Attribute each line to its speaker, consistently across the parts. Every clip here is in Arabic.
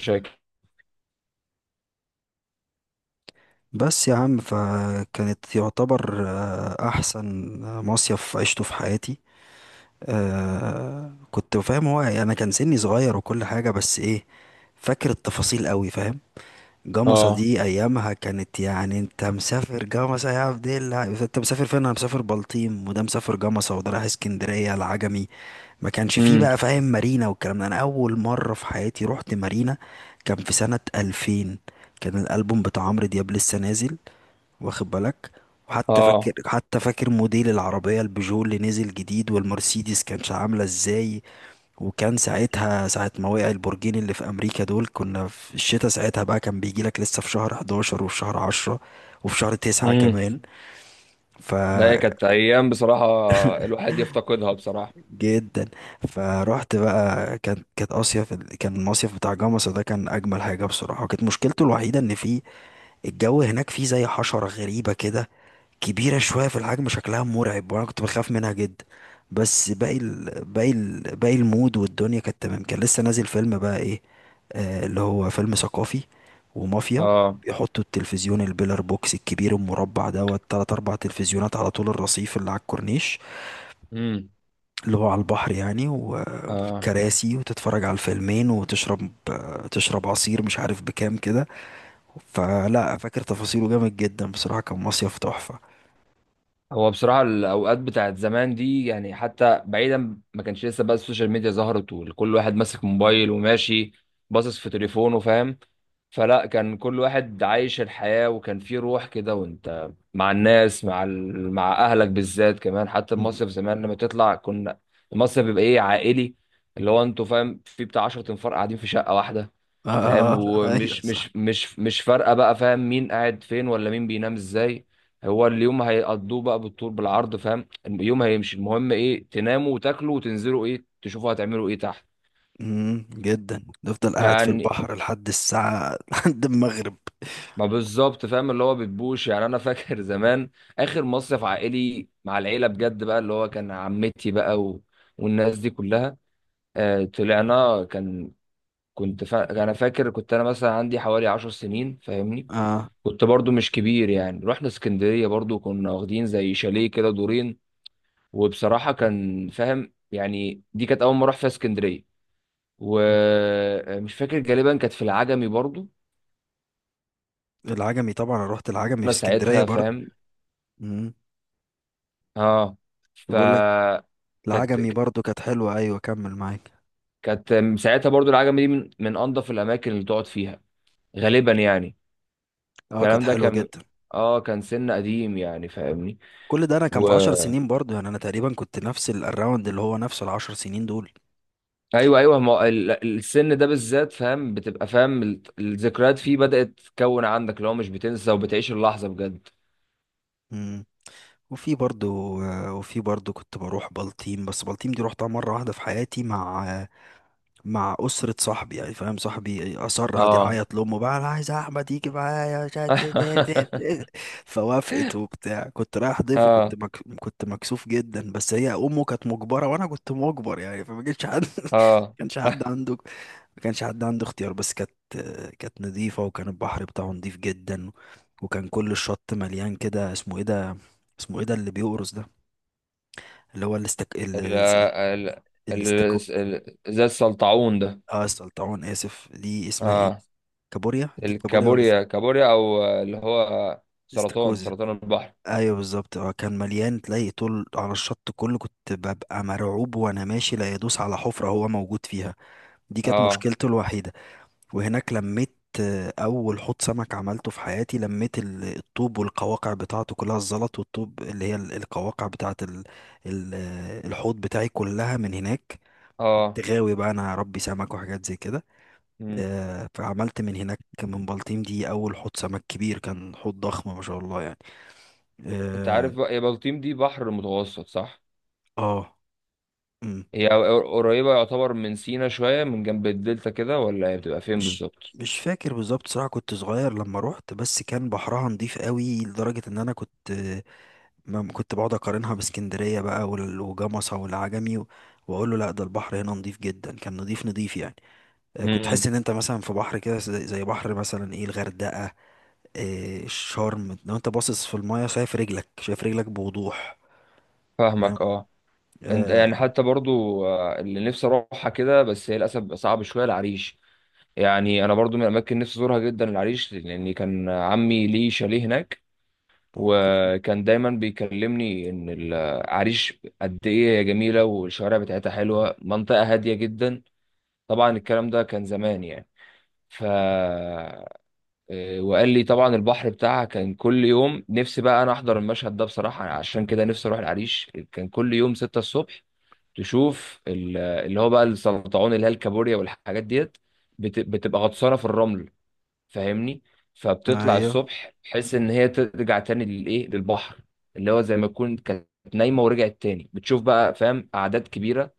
Speaker 1: شاكر.
Speaker 2: بس يا عم فكانت يعتبر احسن مصيف عشته في حياتي. كنت فاهم هو، يعني انا كان سني صغير وكل حاجة، بس ايه فاكر التفاصيل قوي، فاهم؟ جمصة
Speaker 1: اه.
Speaker 2: دي ايامها كانت يعني انت مسافر جمصة يا عبد الله، انت مسافر فين؟ انا مسافر بلطيم، وده مسافر جمصة، وده رايح اسكندرية العجمي. ما كانش فيه
Speaker 1: امم.
Speaker 2: بقى، فاهم، مارينا والكلام ده. انا اول مره في حياتي رحت مارينا كان في سنه 2000. كان الالبوم بتاع عمرو دياب لسه نازل، واخد بالك؟ وحتى فاكر،
Speaker 1: اه.
Speaker 2: حتى فاكر موديل العربيه البيجو اللي نزل جديد والمرسيدس كانت عامله ازاي. وكان ساعتها، ساعة ما وقع البرجين اللي في أمريكا دول، كنا في الشتاء ساعتها بقى. كان بيجي لك لسه في شهر 11 وفي شهر 10 وفي شهر 9
Speaker 1: امم.
Speaker 2: كمان. ف
Speaker 1: لا، هي كانت ايام بصراحه. الواحد يفتقدها بصراحه.
Speaker 2: جدا. فروحت بقى، كانت اصيف، كان المصيف بتاع جمصة ده كان اجمل حاجه بصراحه. وكانت مشكلته الوحيده ان فيه الجو هناك، فيه زي حشره غريبه كده، كبيره شويه في الحجم، شكلها مرعب، وانا كنت بخاف منها جدا. بس باقي المود والدنيا كانت تمام. كان لسه نازل فيلم بقى ايه، اللي هو فيلم ثقافي، ومافيا.
Speaker 1: اه.
Speaker 2: بيحطوا التلفزيون البيلر بوكس الكبير المربع دوت، تلات أربع تلفزيونات على طول الرصيف اللي على الكورنيش،
Speaker 1: امم.
Speaker 2: اللي هو على البحر يعني،
Speaker 1: اه.
Speaker 2: وكراسي، وتتفرج على الفيلمين، وتشرب. تشرب عصير مش عارف بكام كده. فلا، فاكر تفاصيله جامد جدا بصراحة، كان مصيف تحفة.
Speaker 1: هو بصراحه الاوقات بتاعت زمان دي، يعني حتى بعيدا ما كانش لسه بقى السوشيال ميديا ظهرت، وكل واحد ماسك موبايل وماشي باصص في تليفونه، فاهم؟ فلا، كان كل واحد عايش الحياة، وكان في روح كده، وانت مع الناس، مع مع اهلك بالذات كمان. حتى
Speaker 2: مم.
Speaker 1: المصيف زمان لما تطلع، كنا المصيف بيبقى ايه، عائلي، اللي هو انتوا فاهم في بتاع 10 انفار قاعدين في شقة واحدة.
Speaker 2: آه،
Speaker 1: فاهم؟
Speaker 2: أيوه
Speaker 1: ومش
Speaker 2: صح.
Speaker 1: مش مش مش فارقة بقى فاهم مين قاعد فين ولا مين بينام ازاي. هو اليوم هيقضوه بقى بالطول بالعرض، فاهم؟ اليوم هيمشي، المهم ايه، تناموا وتاكلوا وتنزلوا، ايه تشوفوا، هتعملوا ايه تحت.
Speaker 2: امم، جدا نفضل قاعد في
Speaker 1: يعني
Speaker 2: البحر لحد الساعة لحد المغرب.
Speaker 1: ما بالظبط، فاهم؟ اللي هو بتبوش. يعني انا فاكر زمان اخر مصيف عائلي مع العيله بجد بقى، اللي هو كان عمتي بقى والناس دي كلها. طلعنا. انا فاكر، كنت انا مثلا عندي حوالي 10 سنين، فاهمني؟
Speaker 2: آه.
Speaker 1: كنت برضو مش كبير يعني، رحنا اسكندريه برضو، كنا واخدين زي شاليه كده دورين. وبصراحه كان فاهم يعني، دي كانت اول ما اروح فيها اسكندريه. ومش فاكر، غالبا كانت في العجمي برضو.
Speaker 2: العجمي طبعا، أنا رحت العجمي في
Speaker 1: انا
Speaker 2: اسكندرية
Speaker 1: ساعتها
Speaker 2: برضه.
Speaker 1: فاهم.
Speaker 2: امم.
Speaker 1: اه. ف
Speaker 2: بقول لك،
Speaker 1: كانت
Speaker 2: العجمي برضه كانت حلوة، ايوه كمل معاك.
Speaker 1: كانت ساعتها برضو العجمي دي من انظف الاماكن اللي تقعد فيها غالبا يعني.
Speaker 2: اه كانت
Speaker 1: الكلام ده
Speaker 2: حلوة
Speaker 1: كان،
Speaker 2: جدا.
Speaker 1: اه كان سن قديم يعني، فاهمني؟
Speaker 2: كل ده انا كان
Speaker 1: و...
Speaker 2: في 10 سنين برضو، يعني انا تقريبا كنت نفس الراوند اللي هو نفسه ال 10 سنين دول.
Speaker 1: ايوه، ايوه، ما هو السن ده بالذات فاهم، بتبقى فاهم الذكريات فيه بدأت تكون عندك، اللي هو مش بتنسى وبتعيش اللحظة بجد.
Speaker 2: مم. وفي برضو، وفي برضو كنت بروح بلطيم. بس بلطيم دي روحتها مرة واحدة في حياتي، مع مع أسرة صاحبي. يعني فاهم، صاحبي أصر قعد
Speaker 1: اه.
Speaker 2: يعيط لأمه بقى، أنا عايز أحمد يجي معايا، مش عارف إيه إيه إيه إيه. فوافقت وبتاع. كنت رايح ضيف وكنت
Speaker 1: اه.
Speaker 2: كنت مكسوف جدا، بس هي أمه كانت مجبرة وأنا كنت مجبر، يعني فما كانش حد ما
Speaker 1: اه.
Speaker 2: كانش حد عنده، ما كانش حد عنده اختيار. بس كانت، كانت نظيفة، وكان البحر بتاعه نظيف جدا. وكان كل الشط مليان كده، اسمه ايه ده، اسمه ايه ده اللي بيقرص ده، اللي هو الاستك
Speaker 1: ال ال ال
Speaker 2: الاستاكوزا.
Speaker 1: زي السلطعون ده.
Speaker 2: اه السلطعون، اسف، دي اسمها ايه،
Speaker 1: اه.
Speaker 2: كابوريا؟ دي كابوريا ولا
Speaker 1: كابوريا او اللي هو سرطان
Speaker 2: استاكوزا؟
Speaker 1: سرطان البحر.
Speaker 2: ايوه بالظبط. اه كان مليان، تلاقي طول على الشط كله. كنت ببقى مرعوب وانا ماشي لا يدوس على حفرة هو موجود فيها. دي كانت
Speaker 1: اه.
Speaker 2: مشكلته الوحيدة. وهناك لميت أول حوض سمك عملته في حياتي. لميت الطوب والقواقع بتاعته كلها، الزلط والطوب اللي هي القواقع بتاعة الحوض بتاعي، كلها من هناك. كنت
Speaker 1: اه.
Speaker 2: غاوي بقى أنا ربي سمك وحاجات زي كده.
Speaker 1: مم.
Speaker 2: فعملت من هناك من بلطيم دي أول حوض سمك كبير، كان حوض ضخم ما شاء الله يعني.
Speaker 1: انت عارف
Speaker 2: اه.
Speaker 1: بقى يا، بلطيم دي بحر متوسط صح؟
Speaker 2: آه، مم.
Speaker 1: قريبة يعتبر من سينا شوية، من جنب الدلتا كده، ولا هي بتبقى فين
Speaker 2: مش
Speaker 1: بالظبط؟
Speaker 2: مش فاكر بالظبط صراحة، كنت صغير لما روحت. بس كان بحرها نضيف قوي، لدرجة ان انا كنت ما كنت بقعد اقارنها باسكندريه بقى وجمصه والعجمي واقول له لا، ده البحر هنا نضيف جدا، كان نضيف نضيف يعني. كنت حاسس
Speaker 1: امم.
Speaker 2: ان انت مثلا في بحر كده زي بحر مثلا ايه، الغردقه، الشرم. لو انت باصص في المايه، شايف رجلك، شايف رجلك بوضوح، فاهم؟
Speaker 1: فاهمك. اه. انت
Speaker 2: آه.
Speaker 1: يعني حتى برضو، اللي نفسي اروحها كده، بس هي للاسف بقى صعب شوية، العريش. يعني انا برضو من الاماكن نفسي ازورها جدا العريش، لان كان عمي ليه شاليه هناك،
Speaker 2: اوكي.
Speaker 1: وكان دايما بيكلمني ان العريش قد ايه هي جميله، والشوارع بتاعتها حلوه، منطقه هاديه جدا. طبعا الكلام ده كان زمان يعني. ف وقال لي طبعا البحر بتاعها كان كل يوم، نفسي بقى انا احضر المشهد ده بصراحه، عشان كده نفسي اروح العريش. كان كل يوم 6 الصبح تشوف اللي هو بقى السلطعون، اللي هي الكابوريا، والحاجات ديت بتبقى غطسانه في الرمل، فاهمني؟ فبتطلع
Speaker 2: ايوه
Speaker 1: الصبح بحيث ان هي ترجع تاني للايه، للبحر. اللي هو زي ما تكون كانت نايمه ورجعت تاني، بتشوف بقى، فاهم، اعداد كبيره.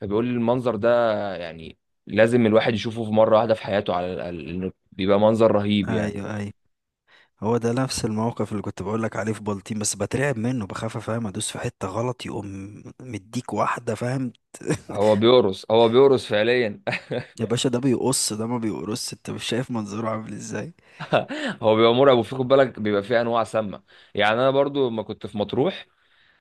Speaker 1: فبيقول لي المنظر ده يعني لازم الواحد يشوفه في مره واحده في حياته على الاقل، لأنه بيبقى منظر رهيب يعني.
Speaker 2: ايوه ايوه، هو ده نفس الموقف اللي كنت بقول لك عليه في بلطيم، بس بترعب منه، بخاف فاهم ادوس في حته غلط يقوم مديك واحده فاهم.
Speaker 1: هو بيقرص، هو بيقرص فعليا.
Speaker 2: يا باشا ده بيقص ده، ما بيقرص، انت مش شايف منظره عامل ازاي.
Speaker 1: هو بيبقى مرعب، وفي، خد بالك، بيبقى فيه انواع سامه. يعني انا برضو لما كنت في مطروح،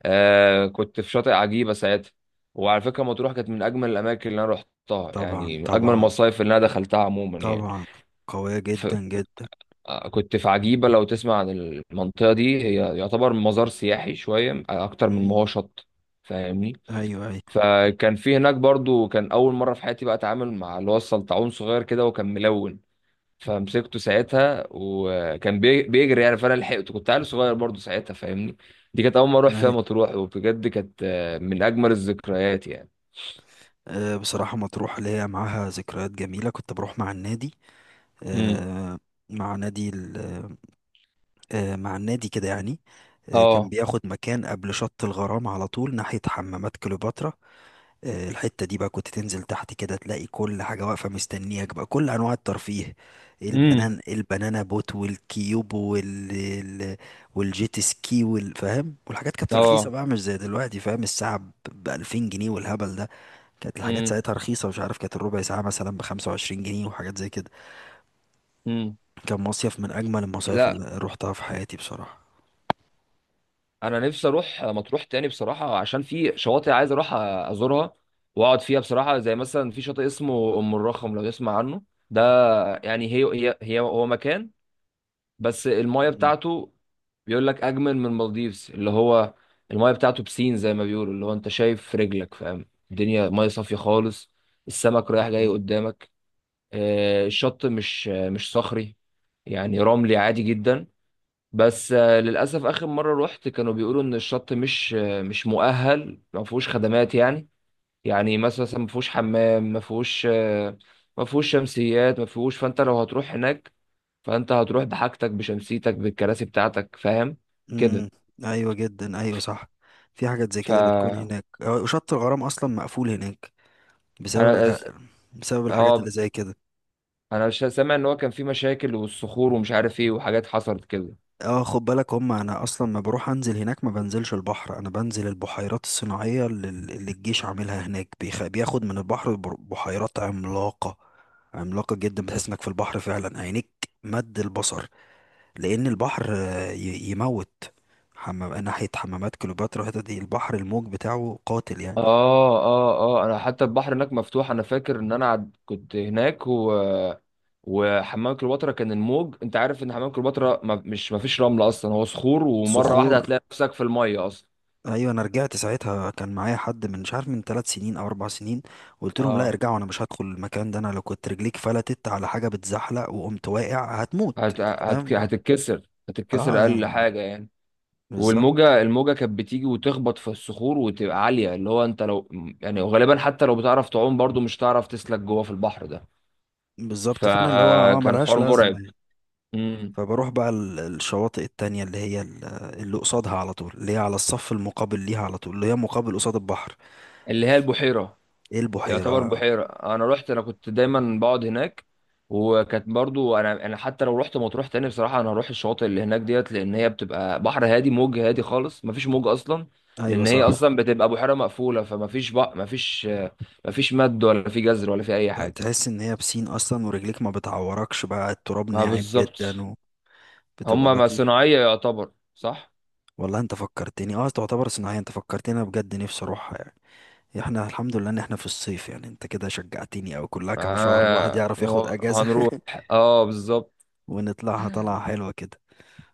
Speaker 1: كنت في شاطئ عجيبة ساعتها. وعلى فكرة مطروح كانت من أجمل الأماكن اللي أنا رحتها
Speaker 2: طبعا
Speaker 1: يعني، من أجمل
Speaker 2: طبعا.
Speaker 1: المصايف اللي أنا دخلتها عموما يعني.
Speaker 2: طبعا قوية
Speaker 1: ف...
Speaker 2: جدا جدا.
Speaker 1: آه، كنت في عجيبة. لو تسمع عن المنطقة دي، هي يعتبر مزار سياحي شوية أكتر من ما هو
Speaker 2: مم.
Speaker 1: شط، فاهمني؟
Speaker 2: ايوه ايوه
Speaker 1: فكان في هناك برضو، كان أول مرة في حياتي بقى أتعامل مع اللي هو السلطعون، صغير كده وكان ملون. فمسكته ساعتها، وكان بيجري يعني، فانا لحقته، كنت عيل صغير برضه ساعتها، فاهمني؟ دي كانت اول ما اروح فيها
Speaker 2: ايوه.
Speaker 1: مطروح، وبجد كانت من اجمل الذكريات يعني.
Speaker 2: أه بصراحة مطروح ليا معاها ذكريات جميلة، كنت بروح مع النادي.
Speaker 1: امم.
Speaker 2: أه مع نادي ال- أه مع النادي كده يعني. أه كان
Speaker 1: اه.
Speaker 2: بياخد مكان قبل شط الغرام على طول، ناحية حمامات كليوباترا. الحتة دي بقى كنت تنزل تحت كده تلاقي كل حاجة واقفة مستنياك بقى، كل أنواع الترفيه.
Speaker 1: امم.
Speaker 2: البنان، البنانا بوت، والكيوب، والجيت سكي والفاهم. والحاجات كانت رخيصة
Speaker 1: اه.
Speaker 2: بقى، مش زي دلوقتي فاهم. الساعة ب 2000 جنيه والهبل ده. كانت الحاجات
Speaker 1: امم.
Speaker 2: ساعتها رخيصة، مش عارف، كانت الربع ساعة مثلا ب 25 جنيه وحاجات زي كده.
Speaker 1: امم.
Speaker 2: كان مصيف من أجمل المصايف
Speaker 1: لا،
Speaker 2: اللي روحتها في حياتي بصراحة.
Speaker 1: انا نفسي اروح مطروح تاني بصراحه، عشان في شواطئ عايز اروح ازورها واقعد فيها بصراحه. زي مثلا في شاطئ اسمه ام الرخم، لو تسمع عنه. ده يعني هي هي هي هو مكان، بس المايه
Speaker 2: مم.
Speaker 1: بتاعته بيقول لك اجمل من المالديفز، اللي هو المايه بتاعته بسين زي ما بيقولوا، اللي هو انت شايف في رجلك، فاهم؟ الدنيا مايه صافيه خالص، السمك رايح جاي
Speaker 2: مم.
Speaker 1: قدامك. الشط مش صخري يعني، رملي عادي جدا. بس للاسف اخر مره رحت، كانوا بيقولوا ان الشط مش مؤهل، ما فيهوش خدمات يعني. يعني مثلا ما فيهوش حمام، ما فيهوش ما فيهوش شمسيات، ما فيهوش. فانت لو هتروح هناك، فانت هتروح بحاجتك، بشمسيتك، بالكراسي بتاعتك، فاهم؟ كده.
Speaker 2: مم. أيوة جدا، أيوة صح. في حاجات زي
Speaker 1: ف
Speaker 2: كده بتكون
Speaker 1: انا
Speaker 2: هناك. وشط الغرام أصلا مقفول هناك بسبب
Speaker 1: أس-
Speaker 2: الأ- بسبب الحاجات اللي
Speaker 1: اه
Speaker 2: زي كده.
Speaker 1: انا مش سامع ان هو كان في مشاكل، والصخور، ومش عارف ايه، وحاجات حصلت كده.
Speaker 2: اه خد بالك، هم انا اصلا ما بروح انزل هناك، ما بنزلش البحر، انا بنزل البحيرات الصناعيه اللي, اللي الجيش عاملها هناك. بياخد من البحر بحيرات عملاقه، عملاقه جدا. بتحس انك في البحر فعلا، عينيك مد البصر. لان البحر يموت. حمام، ناحيه حمامات كليوباترا الحتة دي، البحر الموج بتاعه قاتل يعني.
Speaker 1: اه. اه. اه. انا حتى البحر هناك مفتوح، انا فاكر ان انا كنت هناك وحمام كليوباترا، كان الموج، انت عارف ان حمام كليوباترا ما فيش رمل اصلا، هو صخور، ومره
Speaker 2: صخور.
Speaker 1: واحده هتلاقي نفسك في الميه اصلا.
Speaker 2: ايوه انا رجعت ساعتها، كان معايا حد من مش عارف من 3 سنين او 4 سنين. قلت لهم لا
Speaker 1: اه.
Speaker 2: ارجعوا، انا مش هدخل المكان ده، انا لو كنت رجليك فلتت على حاجه بتزحلق وقمت واقع هتموت
Speaker 1: هت...
Speaker 2: يعني
Speaker 1: هت...
Speaker 2: فاهم.
Speaker 1: هتتكسر هتتكسر
Speaker 2: اه
Speaker 1: اقل
Speaker 2: يعني،
Speaker 1: حاجه يعني.
Speaker 2: بالظبط.
Speaker 1: والموجه الموجه كانت بتيجي وتخبط في الصخور، وتبقى عاليه، اللي هو انت لو، يعني غالبا حتى لو بتعرف تعوم برضو مش هتعرف تسلك جوه في البحر ده.
Speaker 2: بالظبط. فانا اللي هو اه
Speaker 1: فكان
Speaker 2: ملهاش
Speaker 1: حوار
Speaker 2: لازمه
Speaker 1: مرعب.
Speaker 2: يعني.
Speaker 1: امم.
Speaker 2: فبروح بقى الشواطئ التانية اللي هي اللي قصادها على طول، اللي هي على الصف المقابل ليها على طول، اللي هي مقابل قصاد البحر.
Speaker 1: اللي هي البحيره،
Speaker 2: ايه،
Speaker 1: يعتبر
Speaker 2: البحيرة؟
Speaker 1: بحيره، انا رحت، انا كنت دايما بقعد هناك. وكانت برضو انا حتى لو رحت مطروح تاني بصراحه، انا هروح الشواطئ اللي هناك ديت، لان هي بتبقى بحر هادي، موج هادي خالص، مفيش موج اصلا.
Speaker 2: ايوه
Speaker 1: لان هي
Speaker 2: صح.
Speaker 1: اصلا بتبقى بحيره مقفوله، فما فيش بقى، ما فيش، مفيش مد ولا في جزر ولا في اي حاجه.
Speaker 2: تحس ان هي بسين اصلا، ورجليك ما بتعوركش بقى، التراب
Speaker 1: ما
Speaker 2: ناعم
Speaker 1: بالظبط،
Speaker 2: جدا وبتبقى
Speaker 1: هما ما
Speaker 2: لطيف.
Speaker 1: صناعيه يعتبر صح.
Speaker 2: والله انت فكرتني، اه تعتبر صناعية. انت فكرتني، انا بجد نفسي اروحها يعني. احنا الحمد لله ان احنا في الصيف يعني، انت كده شجعتني، او كلها كام شهر الواحد
Speaker 1: آه.
Speaker 2: يعرف ياخد
Speaker 1: هو
Speaker 2: اجازة.
Speaker 1: هنروح، اه بالظبط،
Speaker 2: ونطلعها طلعة حلوة كده.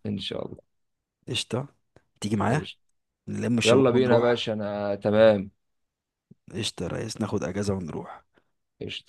Speaker 1: ان شاء الله.
Speaker 2: قشطة، تيجي معايا
Speaker 1: ايش؟
Speaker 2: نلم
Speaker 1: يلا
Speaker 2: الشباب
Speaker 1: بينا يا
Speaker 2: ونروح.
Speaker 1: باشا، انا تمام.
Speaker 2: قشطة يا ريس، ناخد اجازة ونروح.
Speaker 1: ايش؟